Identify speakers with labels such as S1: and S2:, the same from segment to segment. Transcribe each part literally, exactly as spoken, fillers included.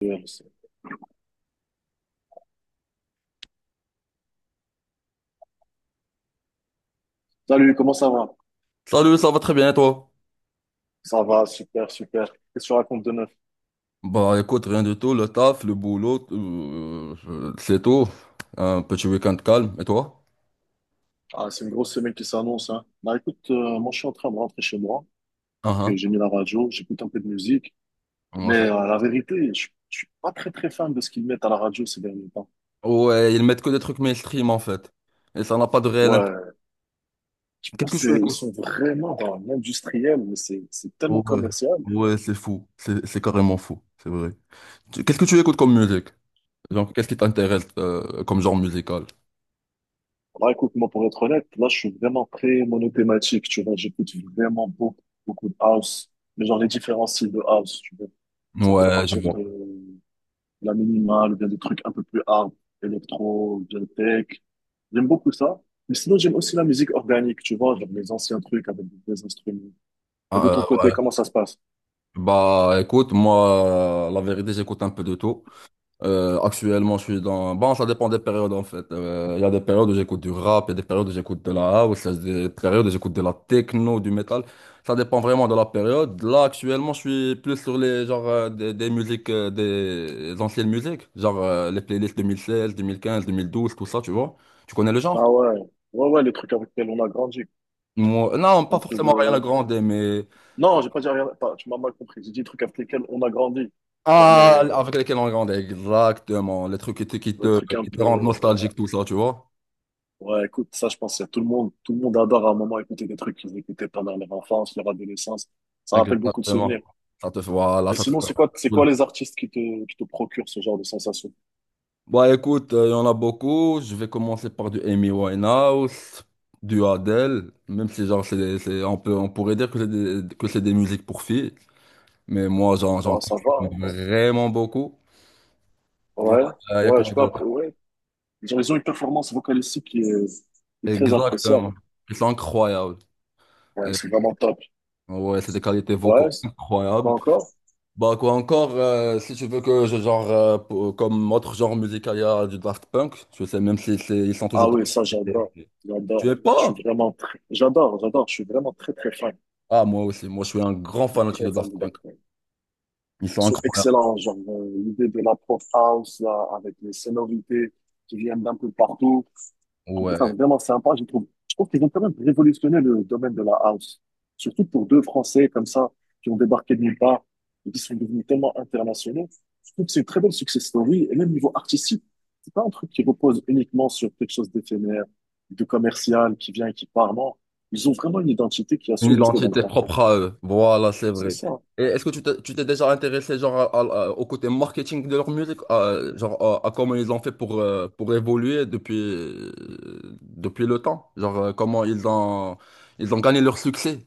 S1: Bien. Salut, comment ça va?
S2: Salut, ça va très bien et toi?
S1: Ça va, super, super. Qu'est-ce que tu racontes de neuf?
S2: Bah écoute, rien du tout, le taf, le boulot, euh, euh, c'est tout. Un petit week-end calme, et toi?
S1: Ah, c'est une grosse semaine qui s'annonce, hein. Bah écoute, euh, moi je suis en train de rentrer chez moi,
S2: Ah
S1: donc euh, j'ai
S2: ah.
S1: mis la radio, j'écoute un peu de musique,
S2: Moi,
S1: mais
S2: je-
S1: euh, la vérité, je, je suis pas très très fan de ce qu'ils mettent à la radio ces derniers temps.
S2: Ouais, ils mettent que des trucs mainstream en fait. Et ça n'a pas de réel intérêt.
S1: Ouais, je
S2: Qu'est-ce
S1: pense
S2: que
S1: que
S2: tu
S1: c'est- ils
S2: écoutes?
S1: sont vraiment dans l'industriel, mais c'est c'est tellement
S2: Ouais,
S1: commercial.
S2: ouais, c'est fou. C'est c'est carrément fou, c'est vrai. Tu- Qu'est-ce que tu écoutes comme musique? Genre, qu'est-ce qui t'intéresse euh, comme genre musical?
S1: Bah écoute, moi pour être honnête, là je suis vraiment très monothématique, tu vois, j'écoute vraiment beaucoup beaucoup de house, mais genre les différents styles de house, tu vois. Ça peut
S2: Ouais, je
S1: partir
S2: vois.
S1: de la minimale, ou bien des trucs un peu plus hard, électro, ou bien tech. J'aime beaucoup ça. Mais sinon, j'aime aussi la musique organique, tu vois, genre les anciens trucs avec des instruments. Et
S2: Ah,
S1: de ton
S2: euh,
S1: côté,
S2: ouais.
S1: comment ça se passe?
S2: Bah écoute, moi, la vérité, j'écoute un peu de tout. Euh, actuellement, je suis dans... Bon, ça dépend des périodes, en fait. Euh, Il y a des périodes où j'écoute du rap, il y a des périodes où j'écoute de la house, il y a des périodes où j'écoute de la techno, du métal. Ça dépend vraiment de la période. Là, actuellement, je suis plus sur les genre euh, des, des musiques, euh, des anciennes musiques, genre euh, les playlists deux mille seize, deux mille quinze, deux mille douze, tout ça, tu vois. Tu connais le genre?
S1: Ah ouais, ouais, ouais, les trucs avec lesquels on a grandi.
S2: Moi, non, pas
S1: Un peu
S2: forcément rien à
S1: de...
S2: grandir, mais...
S1: Non, j'ai pas dit rien. Attends, tu m'as mal compris. J'ai dit les trucs avec lesquels on a grandi. Genre
S2: Ah,
S1: les,
S2: avec lesquels on grandit, exactement. Les trucs qui te, qui
S1: les
S2: te,
S1: trucs un
S2: qui te
S1: peu.
S2: rendent nostalgique, tout ça, tu vois.
S1: Ouais, écoute, ça, je pense que tout le monde, tout le monde adore à un moment écouter des trucs qu'ils écoutaient pendant leur enfance, leur adolescence. Ça rappelle beaucoup de
S2: Exactement.
S1: souvenirs.
S2: Ça te voilà,
S1: Et
S2: ça te
S1: sinon,
S2: fait.
S1: c'est quoi, c'est
S2: Cool.
S1: quoi les artistes qui te, qui te procurent ce genre de sensation?
S2: Bah écoute, euh, il y en a beaucoup. Je vais commencer par du Amy Winehouse, du Adele, même si genre c'est, c'est- on peut, on pourrait dire que c'est des, que c'est des musiques pour filles, mais moi j'en, j'en
S1: Bah, ça va, hein.
S2: consomme vraiment beaucoup. Euh,
S1: Ouais,
S2: Il y a
S1: ouais, je
S2: quoi
S1: sais pas,
S2: d'autre?
S1: après, ouais. Ils ont ils ont une performance vocalistique qui est, qui est très appréciable.
S2: Exactement. C'est incroyable.
S1: Ouais,
S2: Euh,
S1: c'est vraiment top.
S2: ouais, c'est des qualités vocaux
S1: Ouais, c'est-
S2: incroyables.
S1: quoi encore?
S2: Bah quoi encore, euh, si tu veux que je genre, euh, pour- comme autre genre musical, il y a du Daft Punk, je sais même si c'est- ils sont
S1: Ah
S2: toujours
S1: oui, ça, j'adore.
S2: d'actualité. Tu
S1: J'adore.
S2: es
S1: Je suis
S2: pas?
S1: vraiment très, j'adore, j'adore. Je suis vraiment très, très fan.
S2: Ah moi aussi, moi je suis un grand
S1: Je suis
S2: fanatique de
S1: très fan
S2: Daft
S1: de Daft
S2: Punk.
S1: Punk.
S2: Ils sont
S1: C'est
S2: incroyables.
S1: excellent. Genre, euh, l'idée de la pop house, là, avec les sonorités qui viennent d'un peu partout. Je trouve ça
S2: Ouais.
S1: vraiment sympa. Je trouve, je trouve qu'ils ont quand même révolutionné le domaine de la house. Surtout pour deux Français comme ça, qui ont débarqué de nulle part et qui sont devenus tellement internationaux. Je trouve que c'est une très belle success story. Et même niveau artistique, c'est pas un truc qui repose uniquement sur quelque chose d'éphémère, de commercial, qui vient et qui part. Non. Ils ont vraiment une identité qui a
S2: Une
S1: su rester dans le
S2: identité
S1: temps.
S2: propre à eux. Voilà, c'est
S1: C'est
S2: vrai.
S1: ça.
S2: Et est-ce que tu t'es tu t'es déjà intéressé genre à- à- à- au côté marketing de leur musique, à- genre à, à comment ils ont fait pour, euh, pour évoluer depuis, euh, depuis le temps? Genre euh, comment ils ont, ils ont gagné leur succès?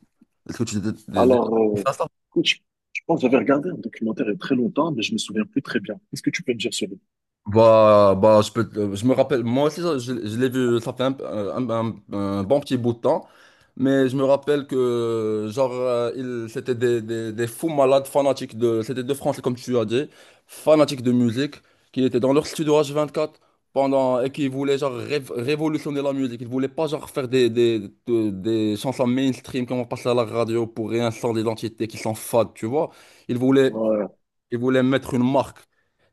S2: Est-ce que tu t'es t'es déjà
S1: Alors,
S2: intéressé
S1: euh,
S2: à ça?
S1: écoute, je, je pense que j'avais regardé un documentaire il y a très longtemps, mais je me souviens plus très bien. Qu'est-ce que tu peux me dire sur lui?
S2: Bah, bah, je peux, te- je me rappelle, moi aussi, ça, je, je l'ai vu, ça fait un, un- un- un bon petit bout de temps, mais je me rappelle que, genre, euh, il- c'était des, des, des fous malades fanatiques de, c'était de Français, comme tu as dit, fanatiques de musique, qui étaient dans leur studio h quatre pendant, et qui voulaient, genre, rév- révolutionner la musique. Ils voulaient pas, genre, faire des, des, de- des chansons mainstream qui vont passer à la radio pour rien sans l'identité, qui s'en fadent, tu vois. Ils voulaient
S1: Ouais,
S2: ils voulaient mettre une marque.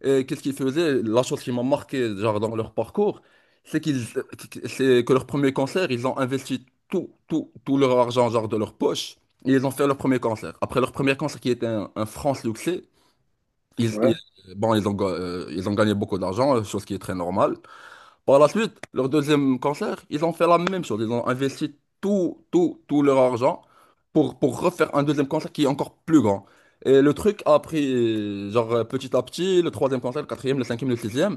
S2: Et qu'est-ce qu'ils faisaient? La chose qui m'a marqué, genre, dans leur parcours, c'est qu'ils, c'est que leur premier concert, ils ont investi tout, tout, tout leur argent, genre, de leur poche, et ils ont fait leur premier concert. Après leur premier concert, qui était un, un franc succès, ils, ils-
S1: ouais,
S2: bon, ils ont, ga- euh, ils ont gagné beaucoup d'argent, chose qui est très normale. Par la suite, leur deuxième concert, ils ont fait la même chose. Ils ont investi tout, tout, tout leur argent pour, pour refaire un deuxième concert qui est encore plus grand. Et le truc a pris, genre, euh, petit à petit, le troisième concert, le quatrième, le cinquième, le sixième.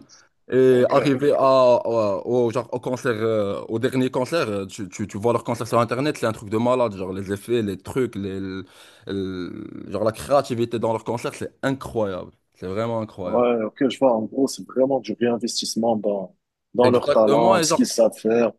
S2: Et arrivé
S1: ok.
S2: à, à- au, genre, au concert, euh, au dernier concert, euh, tu, tu, tu vois leur concert sur Internet, c'est un truc de malade. Genre, les effets, les trucs, les, le- le- genre, la créativité dans leur concert, c'est incroyable. C'est vraiment incroyable.
S1: Ouais, ok, je vois. En gros, c'est vraiment du réinvestissement dans, dans leur
S2: Exactement.
S1: talent,
S2: Et
S1: ce qu'ils
S2: genre,
S1: savent faire.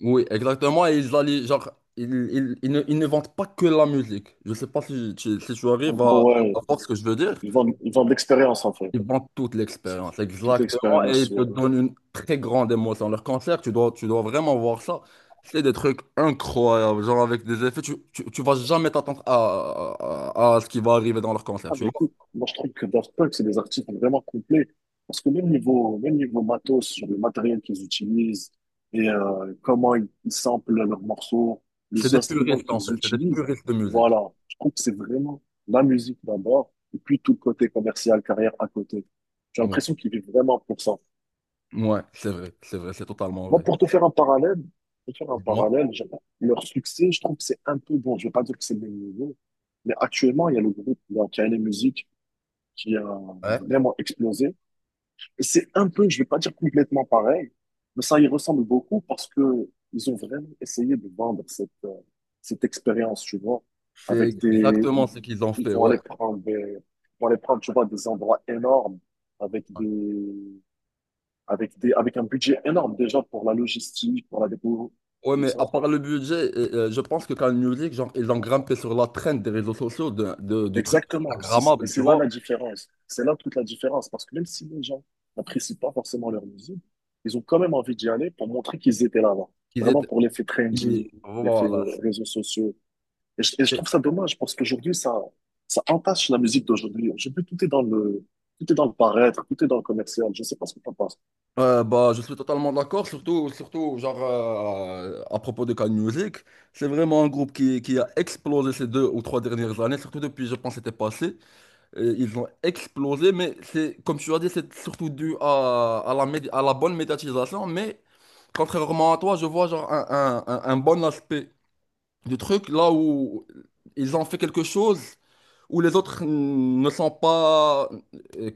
S2: Oui, exactement. Et ils allaient, genre, ils, ils- ils ne, ils ne vendent pas que la musique. Je sais pas si tu, si tu
S1: En
S2: arrives à,
S1: gros, ouais,
S2: à voir ce que je veux dire.
S1: ils vendent, ils vendent l'expérience, en fait.
S2: Ils vendent toute l'expérience,
S1: Toute
S2: exactement. Et ils
S1: expérience,
S2: te
S1: ouais.
S2: donnent une très grande émotion. Leur concert, tu dois, tu dois vraiment voir ça. C'est des trucs incroyables, genre avec des effets. Tu, tu, tu vas jamais t'attendre à, à, à ce qui va arriver dans leur concert,
S1: Ah,
S2: tu
S1: mais
S2: vois.
S1: écoute, moi, je trouve que Daft Punk, c'est des artistes vraiment complets. Parce que même niveau, même niveau matos, sur le matériel qu'ils utilisent et euh, comment ils, ils samplent leurs morceaux,
S2: C'est
S1: les
S2: des
S1: instruments
S2: puristes, en
S1: qu'ils
S2: fait. C'est des
S1: utilisent,
S2: puristes de musique.
S1: voilà. Je trouve que c'est vraiment la musique d'abord, et puis tout le côté commercial, carrière à côté. J'ai
S2: Ouais,
S1: l'impression qu'ils vivent vraiment pour ça.
S2: Ouais, c'est vrai, c'est vrai, c'est totalement
S1: Moi,
S2: vrai.
S1: pour te faire un parallèle, pour te faire un
S2: Moi,
S1: parallèle, je- leur succès, je trouve que c'est un peu bon. Je ne vais pas dire que c'est le même niveau, mais actuellement, il y a le groupe là, qui a les musiques qui a
S2: ouais.
S1: vraiment explosé. Et c'est un peu, je ne vais pas dire complètement pareil, mais ça y ressemble beaucoup parce que ils ont vraiment essayé de vendre cette, euh, cette expérience, tu vois, avec
S2: C'est
S1: des,
S2: exactement
S1: ils
S2: ce qu'ils ont
S1: ils
S2: fait,
S1: vont
S2: ouais.
S1: aller prendre des, ils vont aller prendre, tu vois, des endroits énormes avec des, avec des, avec un budget énorme déjà pour la logistique, pour la dépôt,
S2: Ouais,
S1: tout
S2: mais
S1: ça.
S2: à part le budget, euh, je pense que quand Music, genre, ils ont grimpé sur la trend des réseaux sociaux de, de- du truc
S1: Exactement. C'est- Et
S2: Instagrammable, tu
S1: c'est là
S2: vois.
S1: la différence. C'est là toute la différence. Parce que même si les gens n'apprécient pas forcément leur musique, ils ont quand même envie d'y aller pour montrer qu'ils étaient là avant.
S2: Qu'ils
S1: Vraiment
S2: étaient,
S1: pour l'effet trendy,
S2: ils-
S1: l'effet
S2: voilà.
S1: réseaux sociaux. Et je, et je trouve ça dommage parce qu'aujourd'hui, ça, ça entache la musique d'aujourd'hui. Aujourd'hui, tout est dans le, tout est dans le paraître, tout est dans le commercial. Je sais pas ce que t'en penses.
S2: Euh, bah, je suis totalement d'accord, surtout, surtout genre, euh, à propos de Can Music. C'est vraiment un groupe qui, qui a explosé ces deux ou trois dernières années, surtout depuis, je pense, c'était passé. Et ils ont explosé, mais c'est, comme tu as dit, c'est surtout dû à, à la, médi- à la bonne médiatisation. Mais contrairement à toi, je vois genre, un, un un- un bon aspect du truc, là où ils ont fait quelque chose où les autres ne sont pas,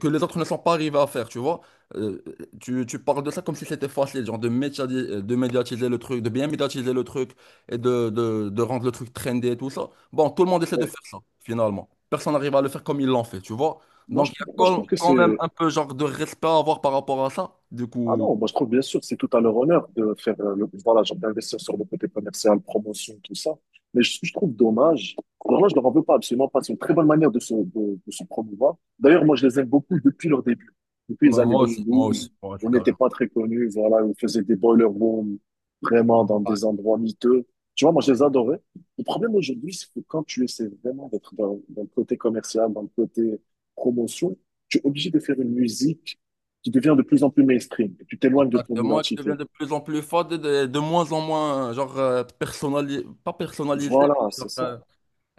S2: que les autres ne sont pas arrivés à faire, tu vois. Euh, tu, Tu parles de ça comme si c'était facile, genre de médiatiser, de médiatiser le truc, de bien médiatiser le truc et de, de, de rendre le truc trendy et tout ça. Bon, tout le monde essaie de
S1: Ouais.
S2: faire ça, finalement. Personne n'arrive à le faire comme ils l'ont fait, tu vois.
S1: Moi,
S2: Donc,
S1: je,
S2: il y a
S1: moi, je
S2: quand
S1: trouve que
S2: quand même
S1: c'est.
S2: un peu genre de respect à avoir par rapport à ça. Du
S1: Ah
S2: coup,
S1: non, moi je trouve bien sûr que c'est tout à leur honneur de faire euh, le, voilà, genre d'investir sur le côté commercial, promotion, tout ça. Mais ce je trouve dommage, vraiment je leur en veux pas absolument pas. C'est une très bonne manière de se, de, de se promouvoir. D'ailleurs, moi je les aime beaucoup depuis leur début. Depuis les
S2: moi
S1: années
S2: moi aussi, moi aussi,
S1: deux mille douze,
S2: moi aussi,
S1: on
S2: quand
S1: n'était
S2: même.
S1: pas très connus, voilà, on faisait des boiler rooms vraiment dans des endroits miteux. Tu vois, moi je les adorais. Le problème aujourd'hui, c'est que quand tu essaies vraiment d'être dans, dans le côté commercial, dans le côté promotion, tu es obligé de faire une musique tu deviens de plus en plus mainstream et tu t'éloignes de ton
S2: Exactement, qui devient
S1: identité.
S2: de plus en plus fade, et de, de moins en moins, genre, euh, personnali- pas personnalisé, mais
S1: Voilà, c'est
S2: genre,
S1: ça.
S2: euh,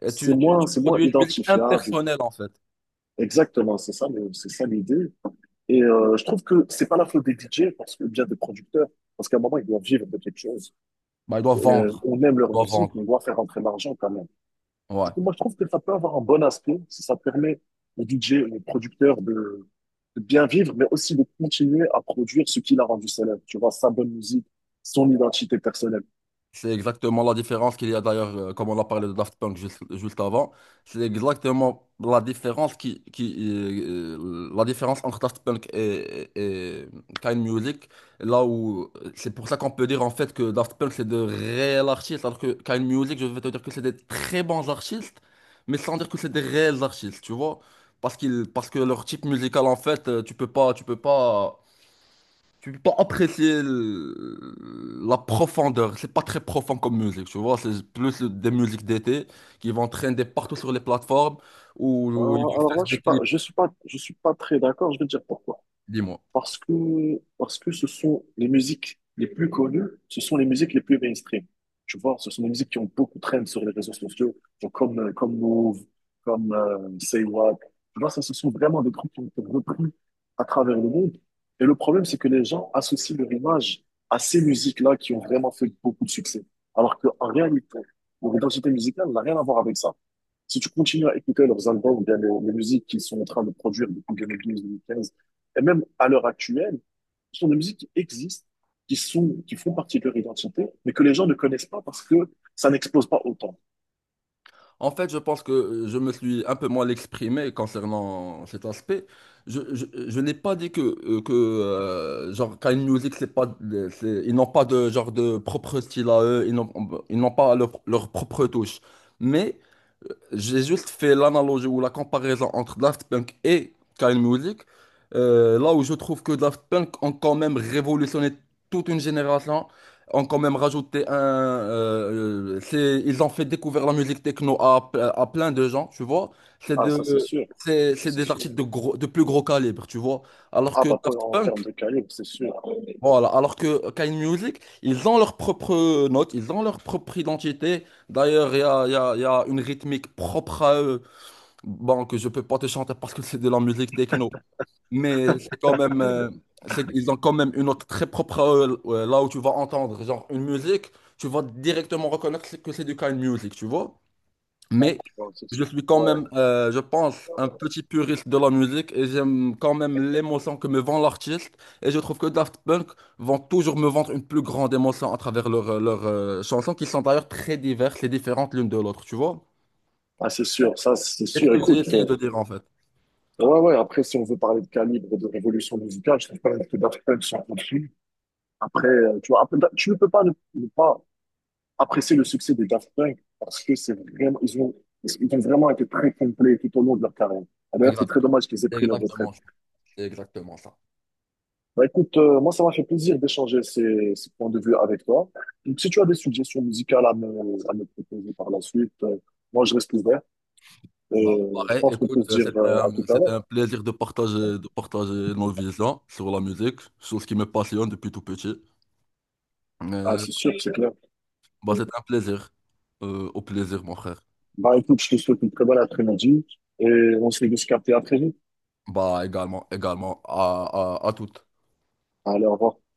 S2: et
S1: C'est
S2: tu, tu-
S1: moins,
S2: tu
S1: c'est moins
S2: produis une musique
S1: identifiable.
S2: impersonnelle, en fait.
S1: Exactement, c'est ça. Mais c'est ça l'idée. Et euh, je trouve que c'est pas la faute des D J parce que ou bien des producteurs, parce qu'à un moment ils doivent vivre de quelque chose.
S2: Bah, il doit
S1: Et, Euh,
S2: vendre.
S1: on aime leur
S2: Il doit
S1: musique, mais on
S2: vendre.
S1: doit faire rentrer l'argent quand même. Du
S2: Ouais.
S1: coup, moi je trouve que ça peut avoir un bon aspect si ça permet aux D J, aux producteurs de, de bien vivre, mais aussi de continuer à produire ce qui l'a rendu célèbre. Tu vois, sa bonne musique, son identité personnelle.
S2: C'est exactement la différence qu'il y a d'ailleurs, euh, comme on a parlé de Daft Punk juste, juste avant. C'est exactement la différence qui, qui euh, la différence entre Daft Punk et, et Kind Music. Là où c'est pour ça qu'on peut dire en fait que Daft Punk c'est de réels artistes, alors que Kind Music, je vais te dire que c'est des très bons artistes, mais sans dire que c'est des réels artistes, tu vois? Parce qu'ils, parce que leur type musical en fait, euh, tu peux pas, tu peux pas tu peux pas apprécier le- la profondeur. C'est pas très profond comme musique, tu vois. C'est plus le- des musiques d'été qui vont traîner partout sur les plateformes où, où ils vont
S1: Alors alors
S2: faire
S1: là, je
S2: des
S1: suis pas,
S2: clips,
S1: je suis pas, je suis pas, très d'accord. Je vais te dire pourquoi.
S2: dis-moi.
S1: Parce que, parce que ce sont les musiques les plus connues, ce sont les musiques les plus mainstream. Tu vois, ce sont les musiques qui ont beaucoup traîné sur les réseaux sociaux, genre comme, euh, comme Move, comme euh, Say What. Tu vois, ça, ce sont vraiment des groupes qui ont été repris à travers le monde. Et le problème, c'est que les gens associent leur image à ces musiques-là qui ont vraiment fait beaucoup de succès. Alors qu'en réalité, leur identité musicale n'a rien à voir avec ça. Si tu continues à écouter leurs albums, ou bien les, les musiques qu'ils sont en train de produire depuis deux mille douze-deux mille quinze, et même à l'heure actuelle, ce sont des musiques qui existent, qui sont, qui font partie de leur identité, mais que les gens ne connaissent pas parce que ça n'explose pas autant.
S2: En fait, je pense que je me suis un peu mal exprimé concernant cet aspect. Je, je, je n'ai pas dit que, euh, que euh, genre, quand une musique, c'est pas, de- c'est- ils n'ont pas de genre de propre style à eux, ils n'ont ils n'ont pas leur, leur propre touche. Mais j'ai juste fait l'analogie ou la comparaison entre Daft Punk et Kyle Music, euh, là où je trouve que Daft Punk ont quand même révolutionné toute une génération, ont quand même rajouté un... euh, euh, c'est- ils ont fait découvrir la musique techno à, à plein de gens, tu vois. C'est
S1: Ah, ça, c'est
S2: de,
S1: sûr.
S2: c'est,
S1: Ça,
S2: c'est
S1: c'est
S2: des
S1: sûr.
S2: artistes de, gros, de plus gros calibre, tu vois. Alors
S1: Ah,
S2: que
S1: bah, pas
S2: Daft
S1: en termes
S2: Punk,
S1: de calibre, c'est sûr.
S2: voilà, alors que Kyle Music, ils ont leur propre note, ils ont leur propre identité. D'ailleurs, il y a, il y a- il y a une rythmique propre à eux. Bon, que je peux pas te chanter parce que c'est de la musique techno, mais c'est quand même,
S1: Tu
S2: euh, c'est- ils ont quand même une note très propre à eux, euh, là où tu vas entendre, genre une musique, tu vas directement reconnaître que c'est du kind music, tu vois. Mais
S1: vois, c'est sûr.
S2: je suis quand
S1: Ouais.
S2: même, euh, je pense, un petit puriste de la musique et j'aime quand même l'émotion que me vend l'artiste. Et je trouve que Daft Punk vont toujours me vendre une plus grande émotion à travers leurs euh, leurs, euh, chansons qui sont d'ailleurs très diverses et différentes l'une de l'autre, tu vois.
S1: Ah, c'est sûr. Ça, c'est
S2: C'est ce
S1: sûr.
S2: que j'ai
S1: Écoute,
S2: essayé
S1: euh,
S2: de dire en fait.
S1: ouais, ouais. Après, si on veut parler de calibre et de révolution musicale, je trouve pas que Daft Punk sont au-dessus. Après, euh, tu vois, après, da- tu ne peux pas ne, ne pas apprécier le succès des Daft Punk parce que c'est vraiment, ils ont, ils ont vraiment été très complets tout au long de leur carrière. Et d'ailleurs, c'est très
S2: Exactement,
S1: dommage qu'ils aient
S2: c'est
S1: pris leur
S2: exactement
S1: retraite.
S2: ça. C'est exactement ça.
S1: Bah, écoute, euh, moi, ça m'a fait plaisir d'échanger ces, ces points de vue avec toi. Donc, si tu as des suggestions musicales à me, à me proposer par la suite, euh, moi, je reste ouvert.
S2: Bah,
S1: Et euh, je
S2: pareil,
S1: pense qu'on peut
S2: écoute,
S1: se
S2: euh,
S1: dire
S2: c'était
S1: euh, à
S2: un,
S1: tout à
S2: c'était
S1: l'heure.
S2: un plaisir de partager, de partager nos visions sur la musique, sur ce qui me passionne depuis tout petit.
S1: Ah,
S2: Euh,
S1: c'est sûr, c'est clair.
S2: Bah, c'est un plaisir. Euh, au plaisir, mon frère.
S1: Bah, écoute, je te souhaite une très bonne après-midi et on se dit de se capter à très vite.
S2: Bah, également, également, à, à, à toutes.
S1: Allez, au revoir.